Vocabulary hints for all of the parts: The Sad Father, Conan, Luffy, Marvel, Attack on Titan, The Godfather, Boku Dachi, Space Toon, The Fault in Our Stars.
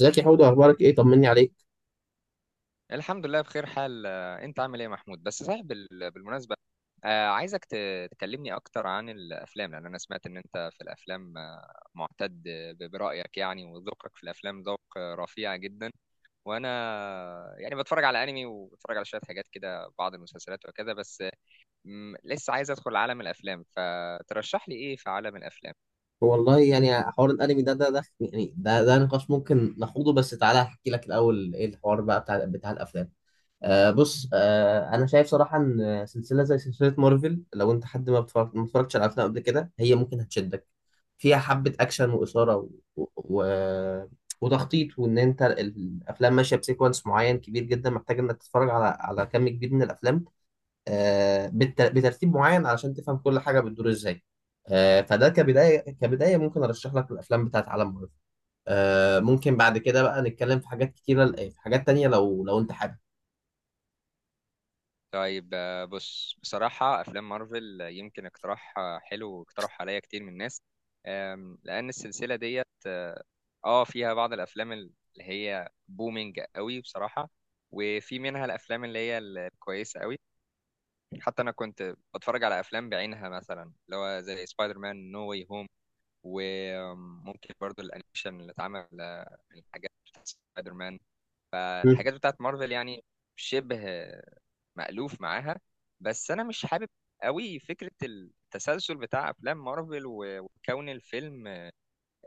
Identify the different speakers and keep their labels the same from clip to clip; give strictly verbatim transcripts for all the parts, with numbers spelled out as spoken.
Speaker 1: ازيك يا حودة، اخبارك ايه؟ طمني عليك.
Speaker 2: الحمد لله بخير حال، آه، انت عامل ايه يا محمود؟ بس صحيح، بال- بالمناسبة، آه، عايزك ت- تكلمني اكتر عن الافلام، لان انا سمعت ان انت في الافلام آه، معتد ب- برأيك يعني، وذوقك في الافلام ذوق آه، رفيع جدا. وانا يعني بتفرج على انمي وبتفرج على شوية حاجات كده، بعض المسلسلات وكذا، بس آه، م- لسه عايز ادخل عالم الافلام، فترشح لي ايه في عالم الافلام؟
Speaker 1: والله يعني حوار الانمي ده ده ده يعني ده ده نقاش ممكن نخوضه. بس تعالى احكي لك الاول ايه الحوار بقى بتاع بتاع الافلام. آه بص، آه انا شايف صراحه ان سلسله زي سلسله مارفل، لو انت حد ما بتفرج- ما اتفرجتش على افلام قبل كده، هي ممكن هتشدك. فيها حبه اكشن واثاره و... و... وتخطيط، وان انت الافلام ماشيه بسيكونس معين كبير جدا، محتاج انك تتفرج على على كم كبير من الافلام، آه، بالت- بترتيب معين علشان تفهم كل حاجه بتدور ازاي. آه، فده كبدايه كبدايه ممكن ارشح لك الافلام بتاعت عالم مارفل. آه، ممكن بعد كده بقى نتكلم في حاجات كتيره، آه، في حاجات تانية لو لو انت حابب.
Speaker 2: طيب، آه، بص. بصراحة أفلام مارفل آه، يمكن اقتراح آه، حلو، واقترح عليا كتير من الناس، آم، لأن السلسلة ديت اه آه، فيها بعض الأفلام اللي هي بومينج قوي بصراحة، وفي منها الأفلام اللي هي الكويسة قوي. حتى أنا كنت بتفرج على أفلام بعينها، مثلا اللي هو زي سبايدر مان نو واي هوم، وممكن برضو الأنيميشن اللي اتعمل آه، من الحاجات بتاعت سبايدر مان.
Speaker 1: مم.
Speaker 2: فالحاجات بتاعت مارفل يعني شبه مألوف معاها. بس انا مش حابب قوي فكرة التسلسل بتاع افلام مارفل، و- وكون الفيلم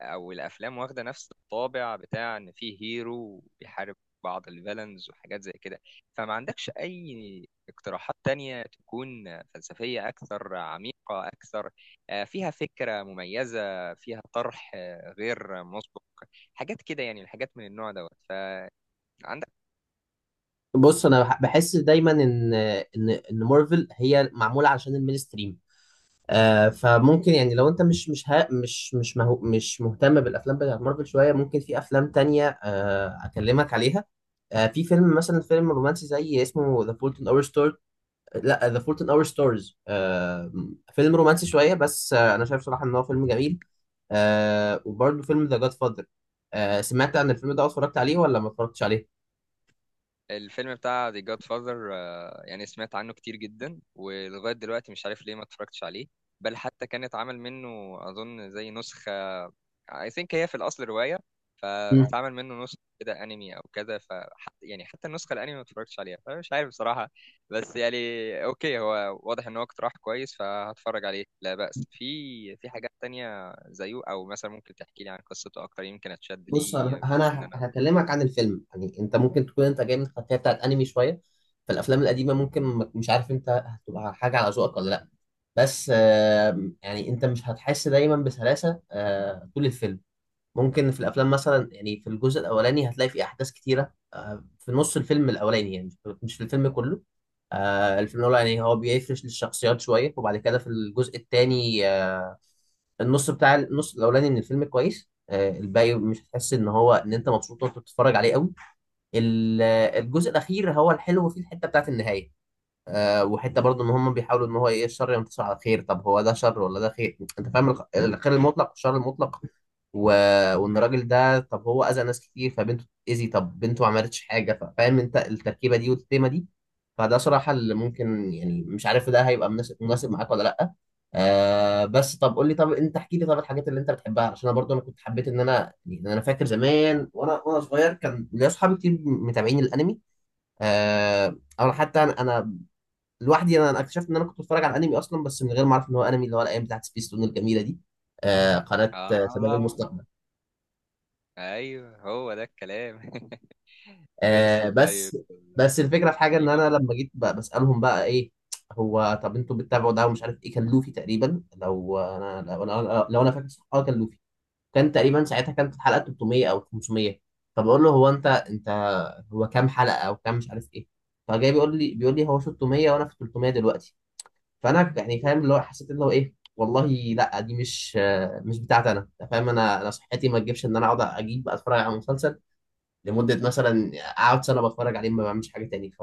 Speaker 2: او الافلام واخدة نفس الطابع بتاع ان فيه هيرو بيحارب بعض الفيلنز وحاجات زي كده. فما عندكش اي اقتراحات تانية تكون فلسفية اكثر، عميقة اكثر، آه، فيها فكرة مميزة، فيها طرح آه، غير مسبق، حاجات كده يعني، الحاجات من النوع دوت؟ فعندك
Speaker 1: بص انا بح- بحس دايما ان ان ان مارفل هي معموله عشان المينستريم. آه فممكن يعني لو انت مش مش ها مش مش مهو مش مهتم بالافلام بتاعت مارفل شويه، ممكن في افلام تانية آه اكلمك عليها. آه في فيلم مثلا، فيلم رومانسي زي اسمه ذا فولت ان اور ستار، لا ذا فولت ان اور ستارز. فيلم رومانسي شويه، بس آه، انا شايف صراحه ان هو فيلم جميل. آه وبرده فيلم ذا جاد فاذر. آه سمعت عن الفيلم ده؟ أو اتفرجت عليه ولا ما اتفرجتش عليه؟
Speaker 2: الفيلم بتاع The Godfather، آه، يعني سمعت عنه كتير جدا ولغاية دلوقتي مش عارف ليه ما اتفرجتش عليه. بل حتى كان اتعمل منه أظن زي نسخة، I think هي في الأصل رواية،
Speaker 1: مم.
Speaker 2: فاتعمل منه نسخة كده أنمي أو كده. فحتى يعني حتى النسخة الأنمي ما اتفرجتش عليها، فمش عارف بصراحة. بس يعني أوكي، هو واضح إن هو اقتراح كويس فهتفرج عليه لا بأس. في في حاجات تانية زيه؟ أو مثلا ممكن تحكي لي عن قصته أكتر يمكن أتشد
Speaker 1: بص انا
Speaker 2: ليه، بس إن
Speaker 1: أنا
Speaker 2: أنا
Speaker 1: هكلمك عن الفيلم. يعني انت ممكن تكون انت جاي من خلفيه بتاعت انمي شويه، فالافلام القديمه ممكن ما- مش عارف انت هتبقى حاجه على ذوقك ولا لا. بس آه يعني انت مش هتحس دايما بسلاسه آه طول الفيلم. ممكن في الافلام مثلا، يعني في الجزء الاولاني هتلاقي في احداث كتيره، آه، في نص الفيلم الاولاني يعني، مش في الفيلم كله. آه، الفيلم الاولاني يعني هو بيفرش للشخصيات شويه، وبعد كده في الجزء الثاني النص بتاع النص الاولاني من الفيلم كويس، آه، الباقي مش هتحس ان هو ان انت مبسوط وانت بتتفرج عليه قوي. ال- الجزء الاخير هو الحلو فيه، الحته بتاعت النهايه. آه وحته برضو ان هم بيحاولوا ان هو ايه، الشر ينتصر على الخير، طب هو ده شر ولا ده خير؟ انت فاهم الخ- الخير المطلق والشر المطلق و... وان الراجل ده، طب هو اذى ناس كتير فبنته اذي، طب بنته ما عملتش حاجه. ف- فاهم انت التركيبه دي والتيمه دي. فده صراحه اللي ممكن، يعني مش عارف ده هيبقى مناسب مناسب معاك ولا لا. آه بس طب قول لي، طب انت احكي لي طب الحاجات اللي انت بتحبها، عشان انا برضو انا كنت حبيت ان انا، يعني انا فاكر زمان وانا وانا صغير كان ليا اصحابي كتير متابعين الانمي. آه او حتى انا لوحدي. انا أنا اكتشفت ان انا كنت بتفرج على الانمي اصلا، بس من غير ما اعرف ان هو انمي، اللي هو الايام بتاعت سبيس تون الجميله دي. آه قناه آه، شباب
Speaker 2: آه
Speaker 1: المستقبل.
Speaker 2: ايوه هو ده الكلام. ماشي،
Speaker 1: آه
Speaker 2: طيب.
Speaker 1: بس بس الفكره في حاجه، ان
Speaker 2: ايوه،
Speaker 1: انا لما جيت ب- بسالهم بقى ايه، هو طب انتوا بتتابعوا ده ومش عارف ايه، كان لوفي تقريبا. لو انا لو انا لو انا فاكر صح اه كان لوفي. كان تقريبا ساعتها كانت الحلقه تلت ميه او خمس ميه. فبقول له هو انت انت هو كام حلقه او كام مش عارف ايه. فجاي بيقول لي بيقول لي هو ست مية وانا في تلت ميه دلوقتي. فانا يعني فاهم اللي هو، حسيت اللي هو ايه والله. لا، دي مش، مش بتاعتي انا. أنت فاهم؟ انا انا صحتي ما تجيبش ان انا اقعد اجيب اتفرج على مسلسل لمده مثلا اقعد سنه بتفرج عليه ما بعملش حاجه تاني، ف-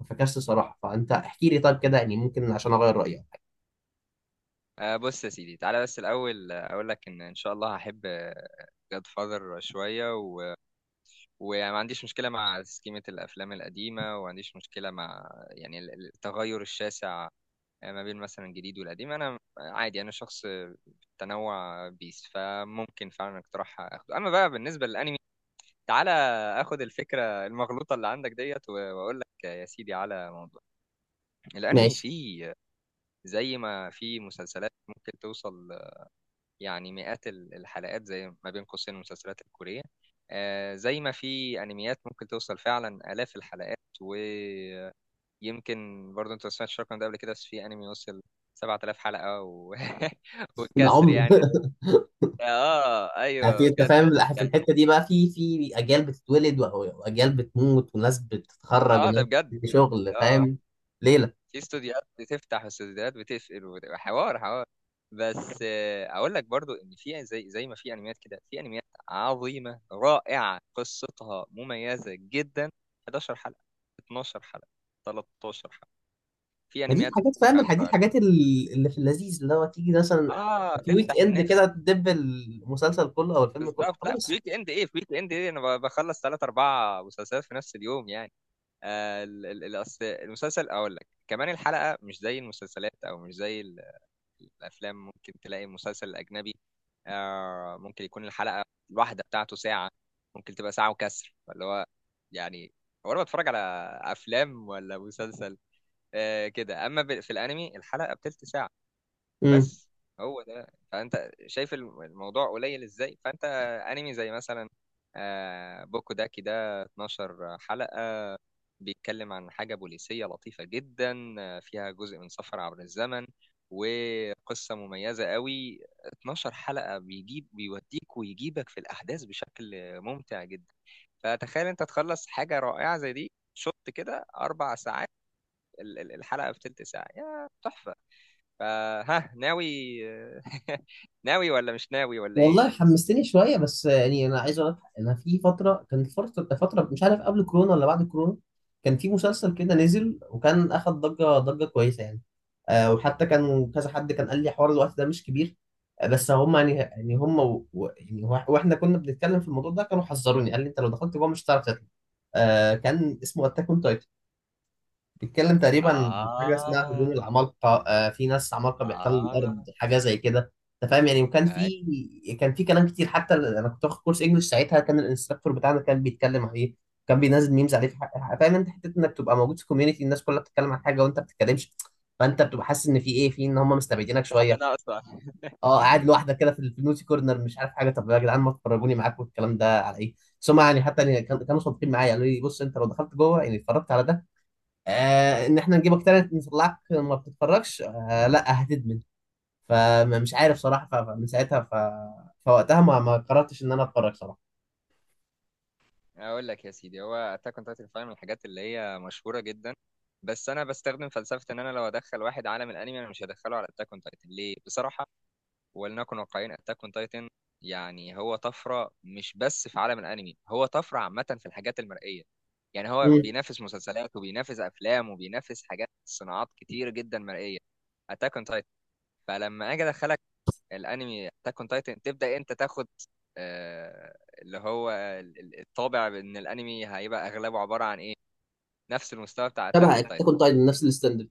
Speaker 1: ففكست صراحه. فانت احكي لي طيب كده، يعني ممكن عشان اغير رايي أو حاجة.
Speaker 2: آه بص يا سيدي، تعالى بس الاول. آه، اقول لك ان ان شاء الله هحب جاد فاذر شويه، و... وما عنديش مشكله مع سكيمه الافلام القديمه، وما عنديش مشكله مع يعني ال- ال- التغير الشاسع آه، ما بين مثلا الجديد والقديم. انا عادي، انا شخص تنوع بيس، فممكن فعلا اقتراح اخده. اما بقى بالنسبه للانمي، تعالى اخد الفكره المغلوطه اللي عندك ديت، و- واقول لك يا سيدي على موضوع الانمي.
Speaker 1: ماشي،
Speaker 2: فيه زي ما في مسلسلات ممكن توصل يعني مئات ال- الحلقات، زي ما بين قوسين المسلسلات الكورية، آه، زي ما في انميات ممكن توصل فعلا آلاف الحلقات. ويمكن برضه انت ما سمعتش الرقم ده قبل كده، بس في انمي وصل 7000 حلقة و...
Speaker 1: ده
Speaker 2: والكسر
Speaker 1: عمر.
Speaker 2: يعني. اه ايوه
Speaker 1: في انت
Speaker 2: بجد
Speaker 1: فاهم؟ لا، في
Speaker 2: يعني.
Speaker 1: الحته دي بقى، في في اجيال بتتولد و- واجيال بتموت، وناس بتتخرج
Speaker 2: اه ده
Speaker 1: وناس
Speaker 2: بجد
Speaker 1: في
Speaker 2: ده بجد.
Speaker 1: شغل،
Speaker 2: اه
Speaker 1: فاهم؟ ليله.
Speaker 2: في استوديوهات بتفتح واستوديوهات بتقفل، وبتبقى حوار حوار. بس آه، اقول لك برضو ان في زي زي ما في انميات كده في انميات عظيمه رائعه قصتها مميزه جدا، 11 حلقه، 12 حلقه، 13 حلقه. في
Speaker 1: فدي
Speaker 2: انميات
Speaker 1: الحاجات، فاهم الح- دي
Speaker 2: خمسة وعشرين.
Speaker 1: الحاجات ال- اللي في اللذيذ، اللي هو تيجي مثلا
Speaker 2: اه
Speaker 1: في ويك
Speaker 2: تفتح
Speaker 1: اند
Speaker 2: النفس.
Speaker 1: كده تدب المسلسل كله او الفيلم كله
Speaker 2: بالظبط. لا في
Speaker 1: خلاص.
Speaker 2: ويك اند ايه، في ويك اند ايه انا ب- بخلص ثلاث اربع مسلسلات في نفس اليوم يعني. آه ال- ال- الأصل- المسلسل اقول لك كمان الحلقه مش زي المسلسلات او مش زي الافلام، ممكن تلاقي مسلسل اجنبي آه ممكن يكون الحلقه الواحده بتاعته ساعه، ممكن تبقى ساعه وكسر. فاللي هو يعني، هو انا بتفرج على افلام ولا مسلسل آه كده؟ اما ب- في الانمي الحلقه بتلت ساعه بس. هو ده، فانت شايف الم- الموضوع قليل ازاي. فانت، انمي زي مثلا آه، بوكو داكي ده 12 حلقة، بيتكلم عن حاجة بوليسية لطيفة جدا، آه، فيها جزء من سفر عبر الزمن وقصة مميزة قوي. 12 حلقة بيجيب بيوديك ويجيبك في الأحداث بشكل ممتع جدا. فتخيل انت تخلص حاجة رائعة زي دي شوط كده أربع ساعات، ال- ال- الحلقة في تلت ساعة يا تحفة. فها ناوي ناوي ولا مش ناوي ولا ايه؟
Speaker 1: والله حمستني شويه. بس يعني انا عايز اقول لك، انا في فتره، كانت فتره فتره مش عارف قبل كورونا ولا بعد كورونا، كان في مسلسل كده نزل، وكان اخد ضجه ضجه كويسه يعني. آه وحتى كان كذا حد كان قال لي حوار الوقت ده مش كبير. آه بس هم يعني يعني هم و... و- يعني وا- واحنا كنا بنتكلم في الموضوع ده، كانوا حذروني قال لي انت لو دخلت جوه مش هتعرف تطلع. آه كان اسمه اتاك اون، بيتكلم تقريبا عن حاجه اسمها هجوم
Speaker 2: اه
Speaker 1: العمالقه. آه في ناس عمالقه بيحتلوا
Speaker 2: اه
Speaker 1: الارض حاجه زي كده، انت فاهم يعني. وكان
Speaker 2: أي.
Speaker 1: في كان في كلام كتير، حتى انا كنت واخد كورس انجلش ساعتها كان الانستراكتور بتاعنا كان بيتكلم عليه، كان بينزل ميمز عليه في حق. فاهم انت حته انك تبقى موجود في كوميونتي الناس كلها بتتكلم عن حاجه وانت ما بتتكلمش، فانت بتبقى حاسس ان في ايه، في ان هم مستبعدينك
Speaker 2: في
Speaker 1: شويه.
Speaker 2: حاجة ناقصة.
Speaker 1: اه قاعد لوحدك كده في النوتي كورنر مش عارف حاجه، طب يا جدعان ما تفرجوني معاكم الكلام ده على ايه. بس هم يعني حتى يعني كان- كانوا صادقين معايا قالوا لي بص انت لو دخلت جوه يعني اتفرجت على ده، آه ان احنا نجيبك تالت نطلعك ما بتتفرجش، آه لا هتدمن. فمش عارف صراحه، ف- فمن ساعتها ف... فوقتها ما ما قررتش ان انا اتفرج صراحه.
Speaker 2: اقول لك يا سيدي، هو اتاك اون تايتن فعلا من الحاجات اللي هي مشهوره جدا، بس انا بستخدم فلسفه ان انا لو ادخل واحد عالم الانمي، انا مش هدخله على اتاك اون تايتن. ليه؟ بصراحه ولنكن واقعيين، اتاك اون تايتن يعني هو طفره مش بس في عالم الانمي، هو طفره عامه في الحاجات المرئيه. يعني هو
Speaker 1: امم
Speaker 2: بينافس مسلسلات وبينافس افلام وبينافس حاجات صناعات كتير جدا مرئيه، اتاك اون تايتن. فلما اجي ادخلك الانمي اتاك اون تايتن، تبدا انت تاخد آه اللي هو ال- ال- الطابع ان الانمي هيبقى اغلبه عباره عن ايه؟ نفس المستوى بتاع اتاك
Speaker 1: تبع
Speaker 2: اون
Speaker 1: اتاك
Speaker 2: تايتن.
Speaker 1: اون تايتن نفس الستاندرد.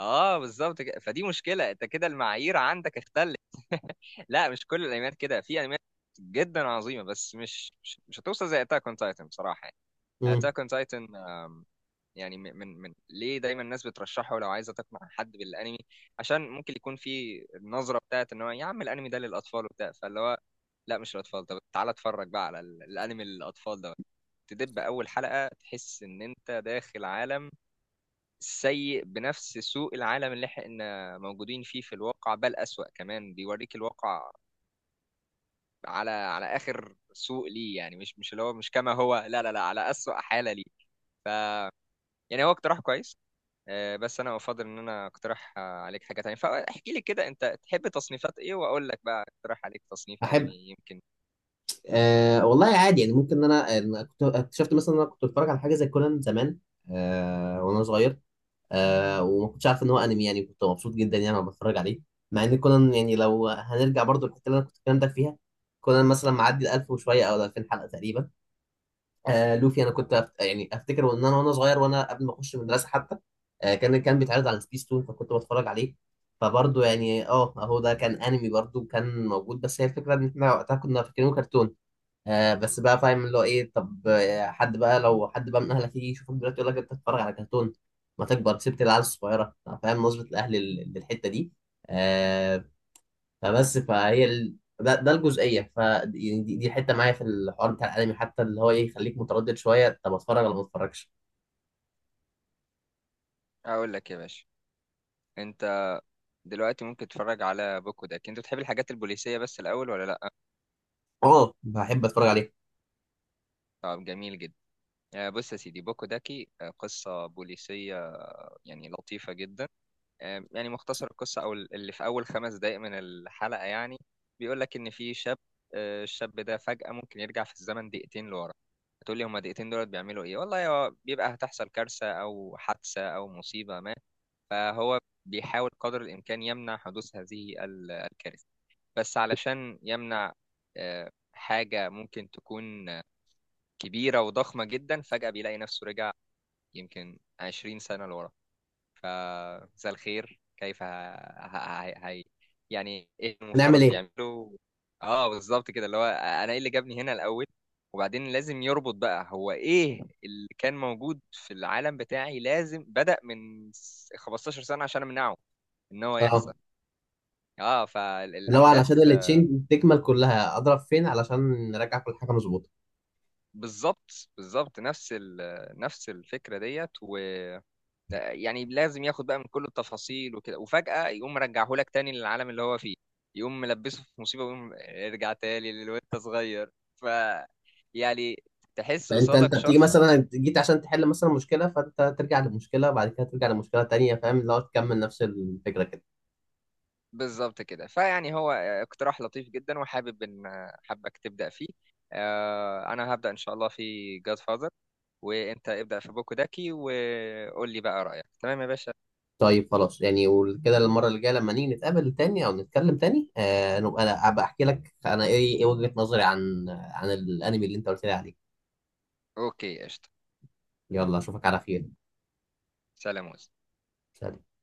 Speaker 2: اه بالظبط كده، فدي مشكله. انت كده المعايير عندك اختلت. لا مش كل الانميات كده، في انميات جدا عظيمه، بس مش مش, مش هتوصل زي اتاك اون تايتن بصراحه.
Speaker 1: امم
Speaker 2: اتاك اون تايتن يعني من من من- ليه دايما الناس بترشحه لو عايزه تقنع حد بالانمي؟ عشان ممكن يكون في النظره بتاعت ان هو يا عم الانمي ده للاطفال وبتاع، فاللي هو لا مش للاطفال. طب تعالى اتفرج بقى على ال- الانمي للاطفال ده، تدب اول حلقه تحس ان انت داخل عالم سيء بنفس سوء العالم اللي احنا موجودين فيه في الواقع، بل أسوأ كمان. بيوريك الواقع على على آخر سوء ليه، يعني مش مش اللي هو مش كما هو، لا لا لا، على أسوأ حالة ليه. ف يعني هو اقتراح كويس، آه، بس انا افضل ان انا اقترح آه، عليك حاجه تانية. فاحكي لي كده انت تحب تصنيفات ايه واقول لك بقى اقترح عليك تصنيف انمي
Speaker 1: احب.
Speaker 2: يمكن.
Speaker 1: آه والله عادي يعني، ممكن ان انا أنا كنت اكتشفت مثلا ان انا كنت بتفرج على حاجه زي كونان زمان. آه وانا صغير، آه وما كنتش عارف ان هو انمي يعني، كنت مبسوط جدا يعني وانا بتفرج عليه. مع ان كونان يعني، لو هنرجع برضو للحته اللي انا كنت الكلام ده فيها، كونان مثلا معدي ال ألف وشويه او ال ألفين حلقه تقريبا. آه لوفي، انا كنت أفت... يعني افتكر، وان انا وانا صغير وانا قبل ما اخش المدرسه حتى، آه كان كان بيتعرض على سبيس تون فكنت بتفرج عليه. فبرضه يعني اه اهو ده كان انمي برضه كان موجود، بس هي الفكره ان احنا وقتها كنا فاكرينه كرتون. آه بس بقى فاهم اللي هو ايه، طب آه، حد بقى لو حد بقى من اهلك يجي يشوفك دلوقتي يقول لك انت بتتفرج على كرتون، ما تكبر سبت العيال الصغيره، فاهم نظره الاهل لل- للحته دي. آه فبس فهي ال... ده, ده الجزئيه، ف يعني دي, دي حته معايا في الحوار بتاع الانمي، حتى اللي هو ايه يخليك متردد شويه، طب اتفرج ولا ما اتفرجش.
Speaker 2: اقول لك يا باشا، انت دلوقتي ممكن تتفرج على بوكو داك. انت بتحب الحاجات البوليسيه بس الاول ولا لا؟
Speaker 1: اه، بحب اتفرج عليه.
Speaker 2: طب جميل جدا. آه، بص يا سيدي، بوكو داكي، آه، قصة بوليسية آه، يعني لطيفة جدا. آه، يعني مختصر القصة أو اللي في أول خمس دقايق من الحلقة يعني بيقول لك إن في شاب، آه، الشاب ده فجأة ممكن يرجع في الزمن دقيقتين لورا. هتقول لي هما دقيقتين دولت بيعملوا إيه؟ والله هو بيبقى هتحصل كارثة أو حادثة أو مصيبة ما، فهو بيحاول قدر الإمكان يمنع حدوث هذه ال- الكارثة. بس علشان يمنع آه، حاجة ممكن تكون كبيرة وضخمة جدا، فجأة بيلاقي نفسه رجع يمكن عشرين سنة لورا. فمساء الخير، كيف ه... ه... ه... هي... يعني ايه
Speaker 1: هنعمل
Speaker 2: المفترض
Speaker 1: ايه؟
Speaker 2: يعمله؟ اه بالظبط كده، اللي هو انا ايه اللي جابني هنا الاول؟ وبعدين لازم يربط بقى هو ايه اللي كان موجود في العالم بتاعي، لازم بدأ من س- 15 سنة عشان امنعه ان هو
Speaker 1: اه،
Speaker 2: يحصل. اه
Speaker 1: اللي هو علشان
Speaker 2: فالاحداث،
Speaker 1: التشين تكمل كلها اضرب فين علشان نراجع كل حاجه مظبوطه.
Speaker 2: بالظبط بالظبط نفس ال... نفس الفكرة ديت. ده يعني لازم ياخد بقى من كل التفاصيل وكده، وفجأة يقوم مرجعه لك تاني للعالم اللي هو فيه، يقوم ملبسه في مصيبة ويقوم ارجع تاني للوقت صغير ف يعني تحس
Speaker 1: فانت انت
Speaker 2: قصادك
Speaker 1: بتيجي
Speaker 2: شخص.
Speaker 1: مثلا جيت عشان تحل مثلا مشكله، فانت ترجع لمشكله، بعد كده ترجع لمشكله تانيه، فاهم اللي هو تكمل نفس الفكره كده.
Speaker 2: بالظبط كده، فيعني هو اقتراح لطيف جدا وحابب ان حابك تبدأ فيه. آه، انا هبدأ ان شاء الله في جاد فاذر، وانت ابدأ في بوكو داكي وقول لي بقى رأيك تمام يا باشا.
Speaker 1: طيب خلاص يعني، وكده المرة اللي جاية لما نيجي نتقابل تاني أو نتكلم تاني آه نبقى، أنا أبقى أحكي لك أنا إيه، إيه وجهة نظري عن عن الأنمي اللي أنت قلت لي عليه.
Speaker 2: اوكي قشطة.
Speaker 1: يلا، أشوفك على خير.
Speaker 2: سلام.
Speaker 1: سلام.